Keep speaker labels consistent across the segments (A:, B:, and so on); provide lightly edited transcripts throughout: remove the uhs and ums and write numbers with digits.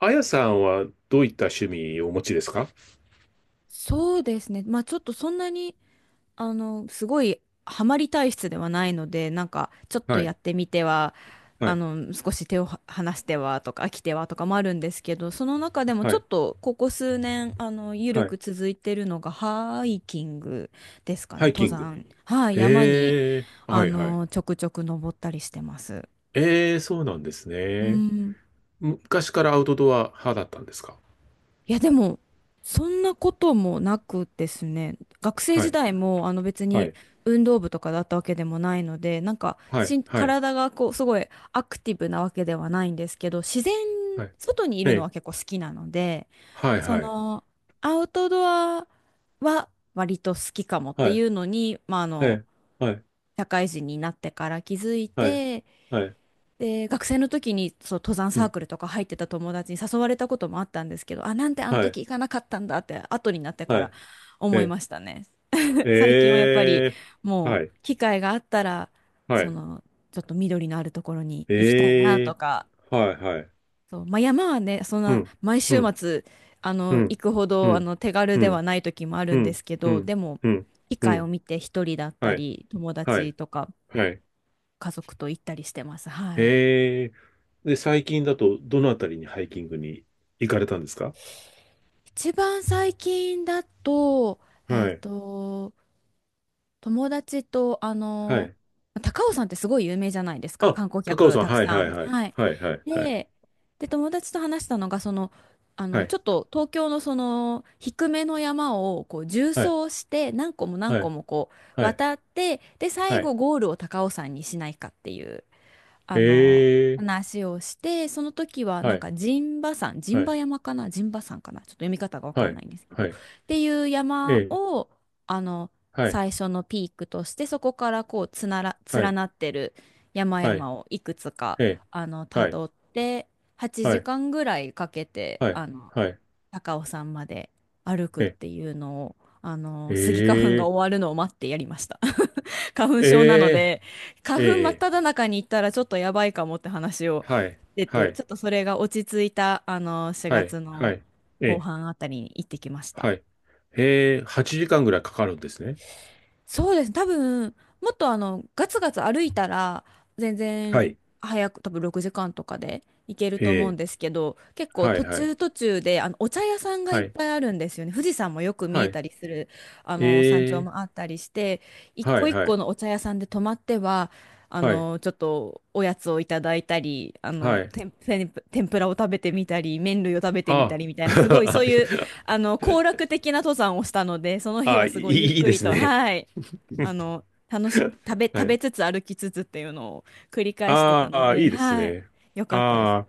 A: あやさんはどういった趣味をお持ちですか？
B: そうですね。まあちょっとそんなに、すごいハマり体質ではないので、なんかちょっと
A: は
B: や
A: い、
B: ってみては、
A: はい、
B: 少し手をは離してはとか飽きてはとかもあるんですけど、その中でも
A: は
B: ちょ
A: い、
B: っとここ数年、
A: は
B: 緩く
A: い。
B: 続いてるのがハイキングですかね、
A: ハイキ
B: 登
A: ング。
B: 山。はい、山に、
A: ええ、はい、はい。
B: ちょくちょく登ったりしてます。
A: ええ、そうなんです
B: う
A: ね。
B: ん。
A: 昔からアウトドア派だったんですか？
B: いや、でも、そんなこともなくですね、学生
A: は
B: 時
A: い、
B: 代も、あの別
A: は
B: に
A: い、
B: 運動部とかだったわけでもないので、なんか
A: はい、
B: しん、
A: はい、
B: 体がこう、すごいアクティブなわけではないんですけど、自然、
A: はい。
B: 外にい
A: え
B: るのは
A: え、
B: 結構好きなので、
A: はい、
B: そ
A: はい、
B: の、アウトドアは割と好きかもって
A: は
B: い
A: い、
B: うのに、まあ、
A: ええ、はい、
B: 社会人になってから気づい
A: はい、
B: て、
A: はい、
B: で、学生の時にそう登山
A: う
B: サー
A: ん、
B: クルとか入ってた友達に誘われたこともあったんですけど、あ、なんであの
A: はい、
B: 時行かなかったんだって後になってか
A: は
B: ら
A: い、
B: 思い
A: え
B: ましたね。
A: え、
B: 最近はやっぱり
A: ええ、
B: も
A: はい、
B: う機会があったら、
A: は
B: そ
A: い、
B: のちょっと緑のあるところに行きたいな
A: え
B: と
A: え、
B: か、
A: はい、はい、
B: そう、まあ、山はね、そん
A: う
B: な
A: ん、
B: 毎週
A: うん、
B: 末あ
A: う
B: の行
A: ん、
B: くほ
A: う
B: どあ
A: ん、
B: の手軽
A: う
B: では
A: ん。
B: ない時もある
A: う
B: んで
A: ん、
B: すけ
A: う
B: ど、
A: ん、
B: でも
A: うん、
B: 機
A: う
B: 会を
A: ん。
B: 見て一人だった
A: はい、
B: り友
A: はい、
B: 達とか
A: はい。
B: 家族と行ったりしてます。はい。
A: へえ。で、最近だと、どのあたりにハイキングに行かれたんですか？
B: 一番最近だと、え
A: は
B: っ
A: い、
B: と、友達と、
A: はい。
B: 高尾山ってすごい有名じゃないですか、
A: あ、
B: 観光
A: 高尾
B: 客
A: さん、
B: たく
A: はい、
B: さ
A: はい、
B: ん。
A: はい。
B: はい。
A: はい、はい、はい。
B: で、で、友達と話したのが、その、
A: はい、
B: ちょっと東京のその、低めの山を、こう、縦走
A: はい、
B: して、何個も何
A: は
B: 個
A: い、
B: もこう、
A: はい、
B: 渡って、で、最
A: はい。
B: 後ゴールを高尾山にしないかっていう。あの、
A: へえ。
B: 話をして、その時は
A: は
B: なん
A: い、
B: か陣馬山、陣
A: は
B: 馬
A: い、
B: 山かな、陣馬山かな、ちょっと読み方がわか
A: は
B: んな
A: い、
B: いんですけど、
A: はい。
B: っていう
A: え
B: 山
A: え、
B: を、あの、
A: はい、
B: 最初のピークとして、そこからこう、つなら、
A: は
B: 連
A: い、
B: なってる山
A: はい、
B: 々をいくつか、
A: ええ、
B: た
A: はい、
B: どって、8
A: はい、
B: 時間ぐらいかけて、
A: はい、はい、
B: 高尾山まで歩くっ
A: ええ、
B: ていうのを、スギ花粉が終わるのを待ってやりました。花粉
A: え
B: 症なの
A: え、
B: で、
A: え
B: 花粉真っ
A: え、え
B: 只中に行ったらちょっとやばいかもって話
A: え、
B: を
A: はい、
B: して
A: は
B: て、ち
A: い、
B: ょっとそれが落ち着いた、
A: は
B: 4
A: い、
B: 月
A: は
B: の
A: い、え
B: 後
A: え。
B: 半あたりに行ってきました。
A: はい。8時間ぐらいかかるんですね。
B: そうです。多分、もっとガツガツ歩いたら、全
A: は
B: 然
A: い。
B: 早く、多分6時間とかで行けると
A: え
B: 思うん
A: え
B: ですけど、結構
A: はい、
B: 途
A: はい、
B: 中途中で、お茶屋さんがい
A: は
B: っ
A: い、
B: ぱいあるんですよね。富士山もよく見え
A: は
B: たりする、山
A: い。
B: 頂
A: ええ
B: もあったりして、一
A: は
B: 個
A: い、
B: 一
A: は
B: 個
A: い、
B: のお茶屋さんで泊まっては、
A: はい、
B: ちょっとおやつをいただいたり、
A: はい。
B: 天ぷらを食べてみたり、麺類を食べてみた
A: ああ。
B: りみたいな、すごいそ う
A: い
B: いう、
A: や
B: 行楽的な登山をしたので、その日
A: あ、
B: は
A: い
B: すごいゆっ
A: い、いい
B: く
A: で
B: り
A: す
B: と、
A: ね。
B: はい。楽し、食べ、
A: は
B: 食べ
A: い。
B: つつ歩きつつっていうのを繰り返してた
A: あ
B: の
A: あ、
B: で、
A: いいです
B: はい、
A: ね。
B: よかったです。
A: ああ、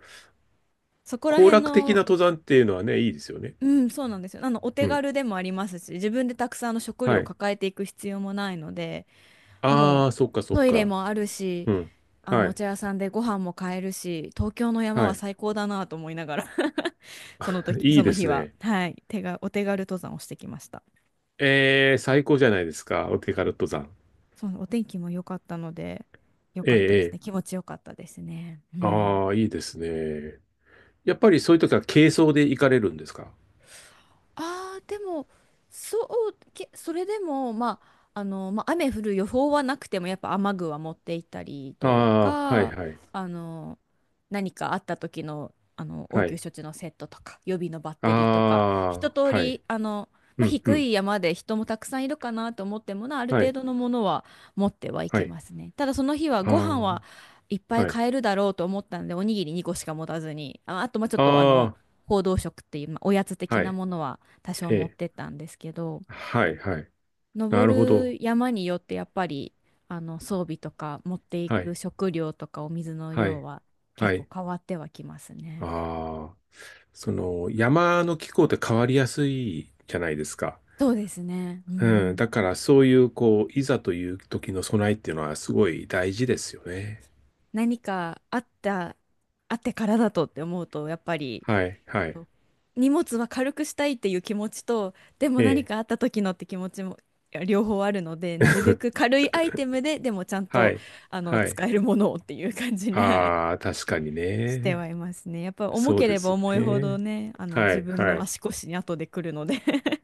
B: そこら
A: 行
B: 辺
A: 楽的な
B: の、
A: 登山っていうのはね、いいですよね。
B: うん、そうなんですよ。お
A: う
B: 手
A: ん。
B: 軽でもありますし、自分でたくさんの食料
A: は
B: を
A: い。
B: 抱えていく必要もないので、
A: あ
B: も
A: あ、そっか
B: う
A: そっ
B: トイレ
A: か。
B: もあるし、
A: うん。は
B: お
A: い。
B: 茶屋さんでご飯も買えるし、東京の山
A: は
B: は
A: い。
B: 最高だなと思いながら その時、
A: い
B: そ
A: い
B: の
A: で
B: 日
A: す
B: は、
A: ね。
B: はい、お手軽登山をしてきました。
A: ええ、最高じゃないですか。お手軽登山。
B: そう、お天気も良かったので、良
A: え
B: かった
A: え、え
B: ですね。
A: え。
B: 気持ちよかったですね。うん。
A: ああ、いいですね。やっぱりそういう時は軽装で行かれるんですか？
B: ああ、でも、それでも、まあ、雨降る予報はなくても、やっぱ雨具は持って行ったりと
A: ああー、はい
B: か、
A: はい。
B: あの、何かあった時の、応
A: は
B: 急
A: い。
B: 処置のセットとか、予備のバッ
A: あ
B: テリーとか、一
A: あ、
B: 通
A: はい。
B: り、ま
A: う
B: あ、
A: ん、う
B: 低
A: ん。
B: い山で人もたくさんいるかなと思ってもな、ある
A: は
B: 程
A: い。
B: 度のものは持ってはい
A: は
B: き
A: い。
B: ますね。ただその日はご
A: あ
B: 飯はいっぱ
A: あ、
B: い
A: はい。
B: 買えるだろうと思ったので、おにぎり2個しか持たずに、あ、あと、まあ、ちょっと、
A: あ
B: 報道食っていう、まあ、おやつ
A: あ、
B: 的
A: は
B: な
A: い。
B: ものは多少
A: え
B: 持っ
A: え。
B: てったんですけど
A: はい、はい。なるほ
B: 登
A: ど。
B: る山によってやっぱりあの装備とか持ってい
A: は
B: く
A: い。
B: 食料とかお水の
A: は
B: 量
A: い。
B: は
A: は
B: 結構
A: い。
B: 変わってはきますね。
A: ああ、その、山の気候って変わりやすいじゃないですか。
B: そうですね。う
A: うん。
B: ん。
A: だから、そういう、こう、いざという時の備えっていうのはすごい大事ですよね。
B: 何かあったあってからだとって思うとやっぱり
A: はい、はい。
B: そう荷物は軽くしたいっていう気持ちとでも
A: え
B: 何
A: え。
B: かあった時のって気持ちもいや両方あるのでなるべく軽いアイテムででもちゃん
A: は
B: と
A: い。
B: あの
A: はい。
B: 使えるものをっていう感じに、はい
A: ああ、確かに
B: しては
A: ね。
B: いますね。やっぱ重
A: そう
B: け
A: で
B: れば
A: すよ
B: 重いほど
A: ね。
B: ね、あの
A: は
B: 自
A: い、
B: 分
A: は
B: の
A: い。
B: 足腰に後で来るので っ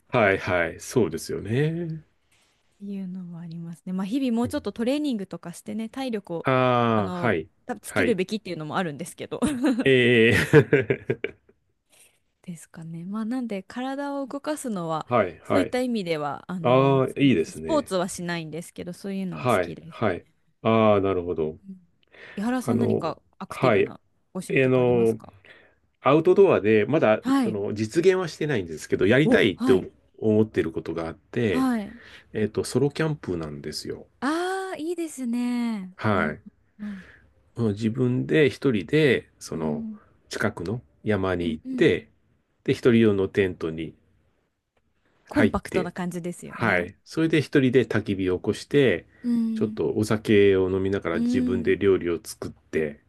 A: はい、はい。そうですよね。
B: ていうのもありますね。まあ日々もうちょっとトレーニングとかしてね、体力をあ
A: ああー、
B: の
A: はい、
B: たつけ
A: は
B: る
A: い。
B: べきっていうのもあるんですけど
A: ええ
B: ですかね。まあなんで体を動かすのは
A: はい、
B: そうい
A: は
B: っ
A: い。
B: た意味ではあの
A: あ
B: 好
A: あ、
B: き
A: いい
B: で
A: で
B: すね。
A: す
B: スポーツ
A: ね。
B: はしないんですけど、そういうのは好
A: は
B: き
A: い、
B: で
A: は
B: す。
A: い。ああ、なるほど。
B: うん、井原さ
A: あ
B: ん何
A: の、
B: かアクティ
A: は
B: ブ
A: い。
B: なご趣味とかあります
A: の、
B: か？
A: アウトドアで、まだ、
B: は
A: そ
B: い。
A: の、実現はしてないんですけど、やりた
B: お、
A: いって
B: はい。
A: 思ってることがあって、
B: はい。
A: ソロキャンプなんですよ。
B: ああ、いいですね。
A: は
B: あ、
A: い。
B: うん、
A: うん、自分で一人で、そ
B: う
A: の、
B: ん、
A: 近くの山
B: う
A: に
B: ん、
A: 行っ
B: うん、
A: て、で、一人用のテントに
B: コン
A: 入っ
B: パクトな
A: て、
B: 感じですよ
A: は
B: ね。
A: い。それで一人で焚き火を起こして、
B: う
A: ちょっ
B: ん、
A: とお酒を飲みなが
B: う
A: ら自分
B: ん、
A: で料理を作って、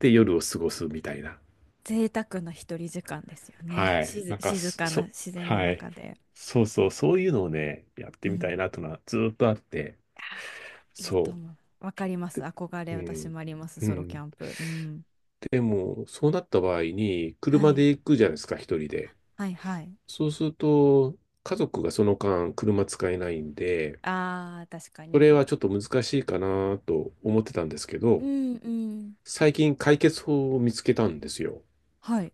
A: で、夜を過ごすみたいな。
B: 贅沢な一人時間ですよね。
A: はい。なんか
B: 静
A: そ、
B: かな
A: そ
B: 自然の
A: はい。
B: 中で。
A: そうそう、そういうのをね、やっ
B: う
A: てみた
B: ん、
A: いなというのはずーっとあって、
B: いいと
A: そ
B: 思う。わかりま
A: う。
B: す。
A: で、
B: 憧れ、
A: う
B: 私
A: ん。
B: もあります。
A: う
B: ソロキ
A: ん。
B: ャンプ。うん。
A: でも、そうなった場合に、
B: は
A: 車
B: い。
A: で行くじゃないですか、一人で。
B: はい、はい。
A: そうすると、家族がその間車使えないんで、
B: あー、確か
A: それは
B: に。
A: ちょっと難しいかなと思ってたんですけ
B: う
A: ど、
B: ん、うん。
A: 最近解決法を見つけたんですよ。
B: はい。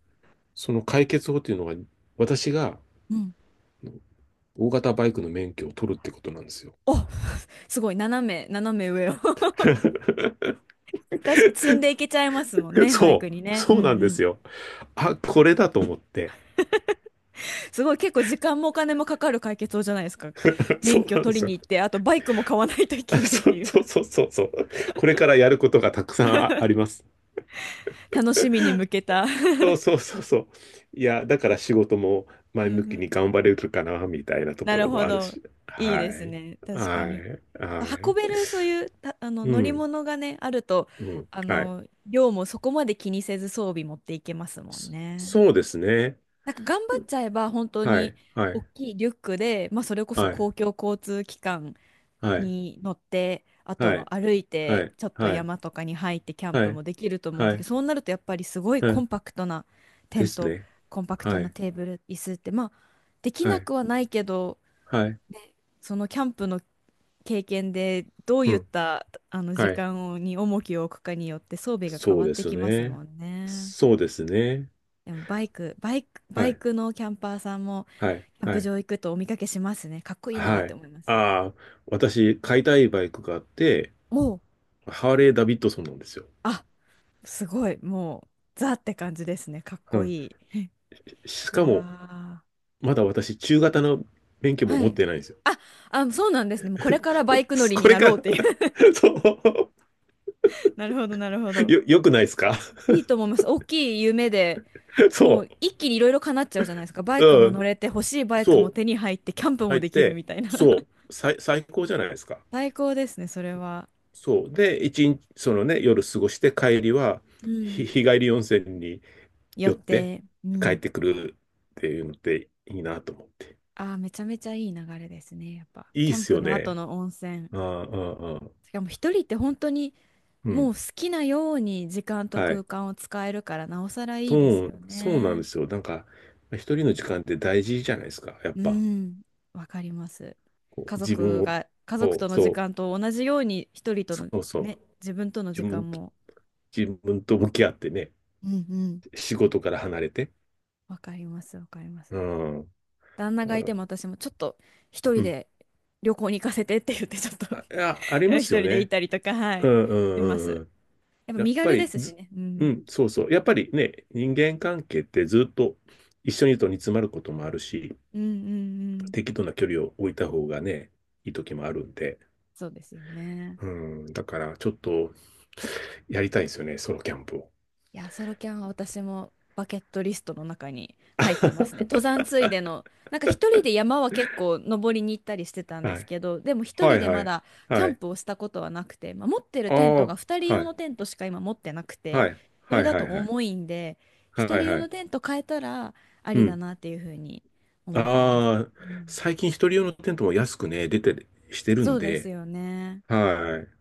A: その解決法っていうのが、私が
B: うん。
A: 大型バイクの免許を取るってことなんですよ。
B: お、すごい。斜め上を 確かに積んでいけちゃいますもんね、バイク
A: そ
B: に
A: う、
B: ね。うん、
A: そ
B: う
A: うなんで
B: ん。
A: すよ。あ、これだと思って。
B: すごい結構時間もお金もかかる解決法じゃないですか。
A: そ
B: 免
A: う
B: 許
A: なんで
B: 取り
A: す
B: に
A: よ。
B: 行って、あとバイクも買わないとい
A: あ、
B: けないっ
A: そ
B: て
A: う
B: いう
A: そうそう そうそう。これからやることがたくさんあります。
B: 楽しみに向けた
A: そう そうそうそう。いや、だから仕事も
B: うん
A: 前向
B: う
A: きに
B: ん。
A: 頑張れるかな、みたいなと
B: な
A: こ
B: る
A: ろも
B: ほ
A: ある
B: ど。
A: し。
B: いい
A: は
B: です
A: い。
B: ね。確か
A: は
B: に。
A: い。は
B: 運べ
A: い。
B: るそういうたあの
A: う
B: 乗り
A: ん。
B: 物がね、あると、
A: うん。はい。
B: 量もそこまで気にせず装備持っていけますもん
A: そ
B: ね。
A: そうですね。
B: なんか頑張っちゃえば本当
A: は
B: に
A: い。は
B: 大
A: い。
B: きいリュックで、まあそれこそ
A: はい。
B: 公共交通機関
A: はい。
B: に乗って、あと
A: はい。
B: は歩い
A: は
B: て、
A: い。
B: ちょっと
A: はい。
B: 山とかに入ってキャン
A: は
B: プ
A: い。
B: もできると思うんだ
A: は
B: け
A: い。
B: ど、そうなるとやっぱりすごい
A: は
B: コ
A: い
B: ンパクトなテ
A: で
B: ン
A: す
B: ト、
A: ね。
B: コンパクト
A: は
B: な
A: い。
B: テーブル、椅子って、まあ、でき
A: は
B: な
A: い。
B: くはないけど、
A: はい。
B: そのキャンプの経験でどう
A: う
B: いっ
A: ん。
B: たあの時
A: はい。
B: 間をに重きを置くかによって装備が変
A: そう
B: わっ
A: で
B: て
A: す
B: きますも
A: ね。
B: んね。
A: そうですね。
B: でもバイク、バイク、
A: は
B: バイ
A: い。
B: クのキャンパーさんも
A: はい。
B: キャン
A: は
B: プ
A: い。
B: 場行くとお見かけしますね。かっこいいなっ
A: は
B: て
A: い。
B: 思います。
A: ああ、私、買いたいバイクがあって、
B: もう。
A: ハーレー・ダビッドソンなんですよ。
B: あ、すごい、もう、ザって感じですね。かっ
A: う
B: こ
A: ん、
B: いい。
A: し
B: いや
A: かも、
B: ー、
A: まだ私、中型の免許も
B: は
A: 持っ
B: い。
A: てないんですよ。
B: あ、あ、そうなんですね。もうこれからバイク乗 りに
A: これ
B: な
A: か
B: ろ
A: ら
B: うっていう
A: そう、
B: なるほど、なるほど。
A: よくないですか？
B: いいと思います。大きい夢で、も
A: そ
B: う一気にいろいろ叶っちゃうじゃないですか。バイ
A: う、
B: クも
A: う
B: 乗
A: ん、
B: れて、欲しいバイク
A: そ
B: も
A: う、
B: 手に入って、キャンプも
A: 入っ
B: できる
A: て、
B: みたいな。
A: そう、最高じゃないですか。
B: 最高ですね、それは。
A: そう、で、一日、そのね、夜過ごして帰りは、
B: うん。
A: 日帰り温泉に
B: よっ
A: 寄って
B: て、う
A: 帰っ
B: ん。
A: てくるっていうのっていいなと思って。
B: ああ、めちゃめちゃいい流れですね、やっぱ。
A: いい
B: キ
A: っ
B: ャン
A: す
B: プ
A: よ
B: の後
A: ね。
B: の温泉。
A: ああ、ああ、ああ、
B: しかも一人って本当に、
A: う
B: も
A: ん。
B: う好きなように時間と
A: は
B: 空
A: い。
B: 間を使えるからなおさらいいです
A: そう、
B: よ
A: そうなんで
B: ね。
A: すよ。なんか、一人の時間って大事じゃないですか。やっ
B: う
A: ぱ、
B: ん、わかります。
A: こう
B: 家
A: 自分
B: 族
A: を、
B: が家族
A: こ
B: と
A: う、
B: の時
A: そう、
B: 間と同じように一人と
A: そ
B: の
A: うそ
B: ね、
A: う、
B: 自分との時
A: 自分
B: 間
A: と、
B: も。
A: 自分と向き合ってね、
B: うんうん。
A: 仕事から離れて。
B: わかります、わかりま
A: う
B: す。
A: ん。
B: 旦那
A: だ
B: が
A: か
B: い
A: ら、
B: ても私もちょっと一
A: う
B: 人
A: ん。
B: で旅行に行かせてって言ってちょっと
A: あ、いやありま
B: 一
A: す
B: 人
A: よ
B: で行っ
A: ね。
B: たりとか、は
A: う
B: い、
A: んう
B: しま
A: ん
B: す。
A: うんうん。
B: やっぱ
A: やっ
B: 身
A: ぱ
B: 軽で
A: り
B: すし
A: ず、
B: ね。う
A: う
B: ん。
A: ん、そうそう。やっぱりね、人間関係ってずっと一緒にいると煮詰まることもあるし、
B: うんうんうん。
A: 適度な距離を置いた方がね、いい時もあるんで。
B: そうですよね。
A: うん、だからちょっとやりたいんですよね、ソロキャンプを。
B: いや、ソロキャンは私もバケットリストの中に入ってますね。登山つい での、なんか一人で山は結構登りに行ったりしてたんで
A: は
B: す
A: い。
B: けど、でも一
A: は
B: 人
A: い
B: で
A: は
B: ま
A: い。
B: だキャ
A: は
B: ン
A: い。
B: プをしたことはなくて、まあ、持ってる
A: あ
B: テントが二人
A: あ、は
B: 用の
A: い。
B: テントしか今持ってなくて、
A: はい。
B: そ
A: は
B: れ
A: い
B: だ
A: は
B: と
A: いはい。
B: 重いんで、一
A: は
B: 人
A: い
B: 用
A: は
B: の
A: い。
B: テント変えたらあ
A: う
B: りだ
A: ん。
B: なっていうふうに思ってます。
A: ああ、
B: うん、
A: 最近一人用のテントも安くね、出てしてる
B: そ
A: ん
B: うです
A: で。
B: よね。
A: はい。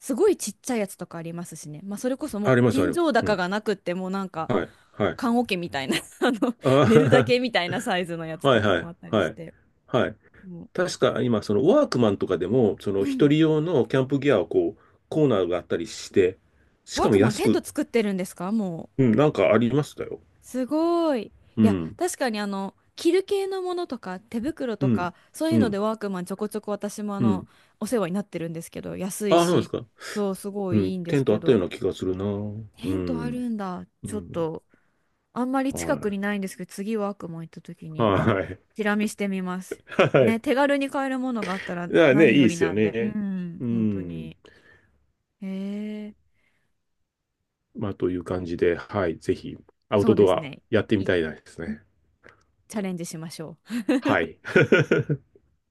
B: すごいちっちゃいやつとかありますしね。まあそれこそも
A: あ
B: う
A: ります、あ
B: 天
A: ります。
B: 井
A: う
B: 高
A: ん。
B: がなくってもうなんか
A: はい。はい。
B: 棺桶みたいな 寝るだ
A: あ
B: けみたいなサイズのやつ
A: あ、は
B: と
A: い
B: か
A: は
B: も
A: い。
B: あったり
A: は
B: し
A: い。
B: て。
A: はい。
B: も
A: 確か今、そのワークマンとかでも、そ
B: う、
A: の
B: う
A: 一
B: ん。
A: 人用のキャンプギアをこう、コーナーがあったりして、し
B: ワー
A: かも
B: クマン
A: 安
B: テン
A: く、
B: ト作ってるんですかもう。
A: うん、なんかありましたよ。
B: すごい。
A: う
B: いや、
A: ん、
B: 確かに着る系のものとか手袋
A: う
B: と
A: ん、
B: かそういう
A: う
B: ので
A: ん、
B: ワークマンちょこちょこ私も
A: うん。
B: お世話になってるんですけど安い
A: ああ、そうなんです
B: し
A: か。
B: そうすご
A: う
B: い
A: ん、
B: いいんで
A: テ
B: す
A: ントあ
B: け
A: ったよ
B: ど
A: うな気がするな。う
B: テントあ
A: ん、
B: るんだ
A: う
B: ちょっ
A: ん。
B: とあんまり
A: は
B: 近く
A: い。
B: にないんですけど次ワークマン行った時に
A: はい。
B: チラ見してみます。
A: はい。
B: ね、手軽に買えるものがあったら
A: だからね、
B: 何
A: いい
B: よ
A: で
B: り
A: すよ
B: なんで、う
A: ね。
B: ん、
A: う
B: 本当
A: ん。
B: に。へえ、
A: まあ、という感じで、はい。ぜひ、アウ
B: そ
A: ト
B: うで
A: ド
B: す
A: ア
B: ね。
A: やってみ
B: チ
A: たいですね。
B: ャレンジしましょう。
A: はい。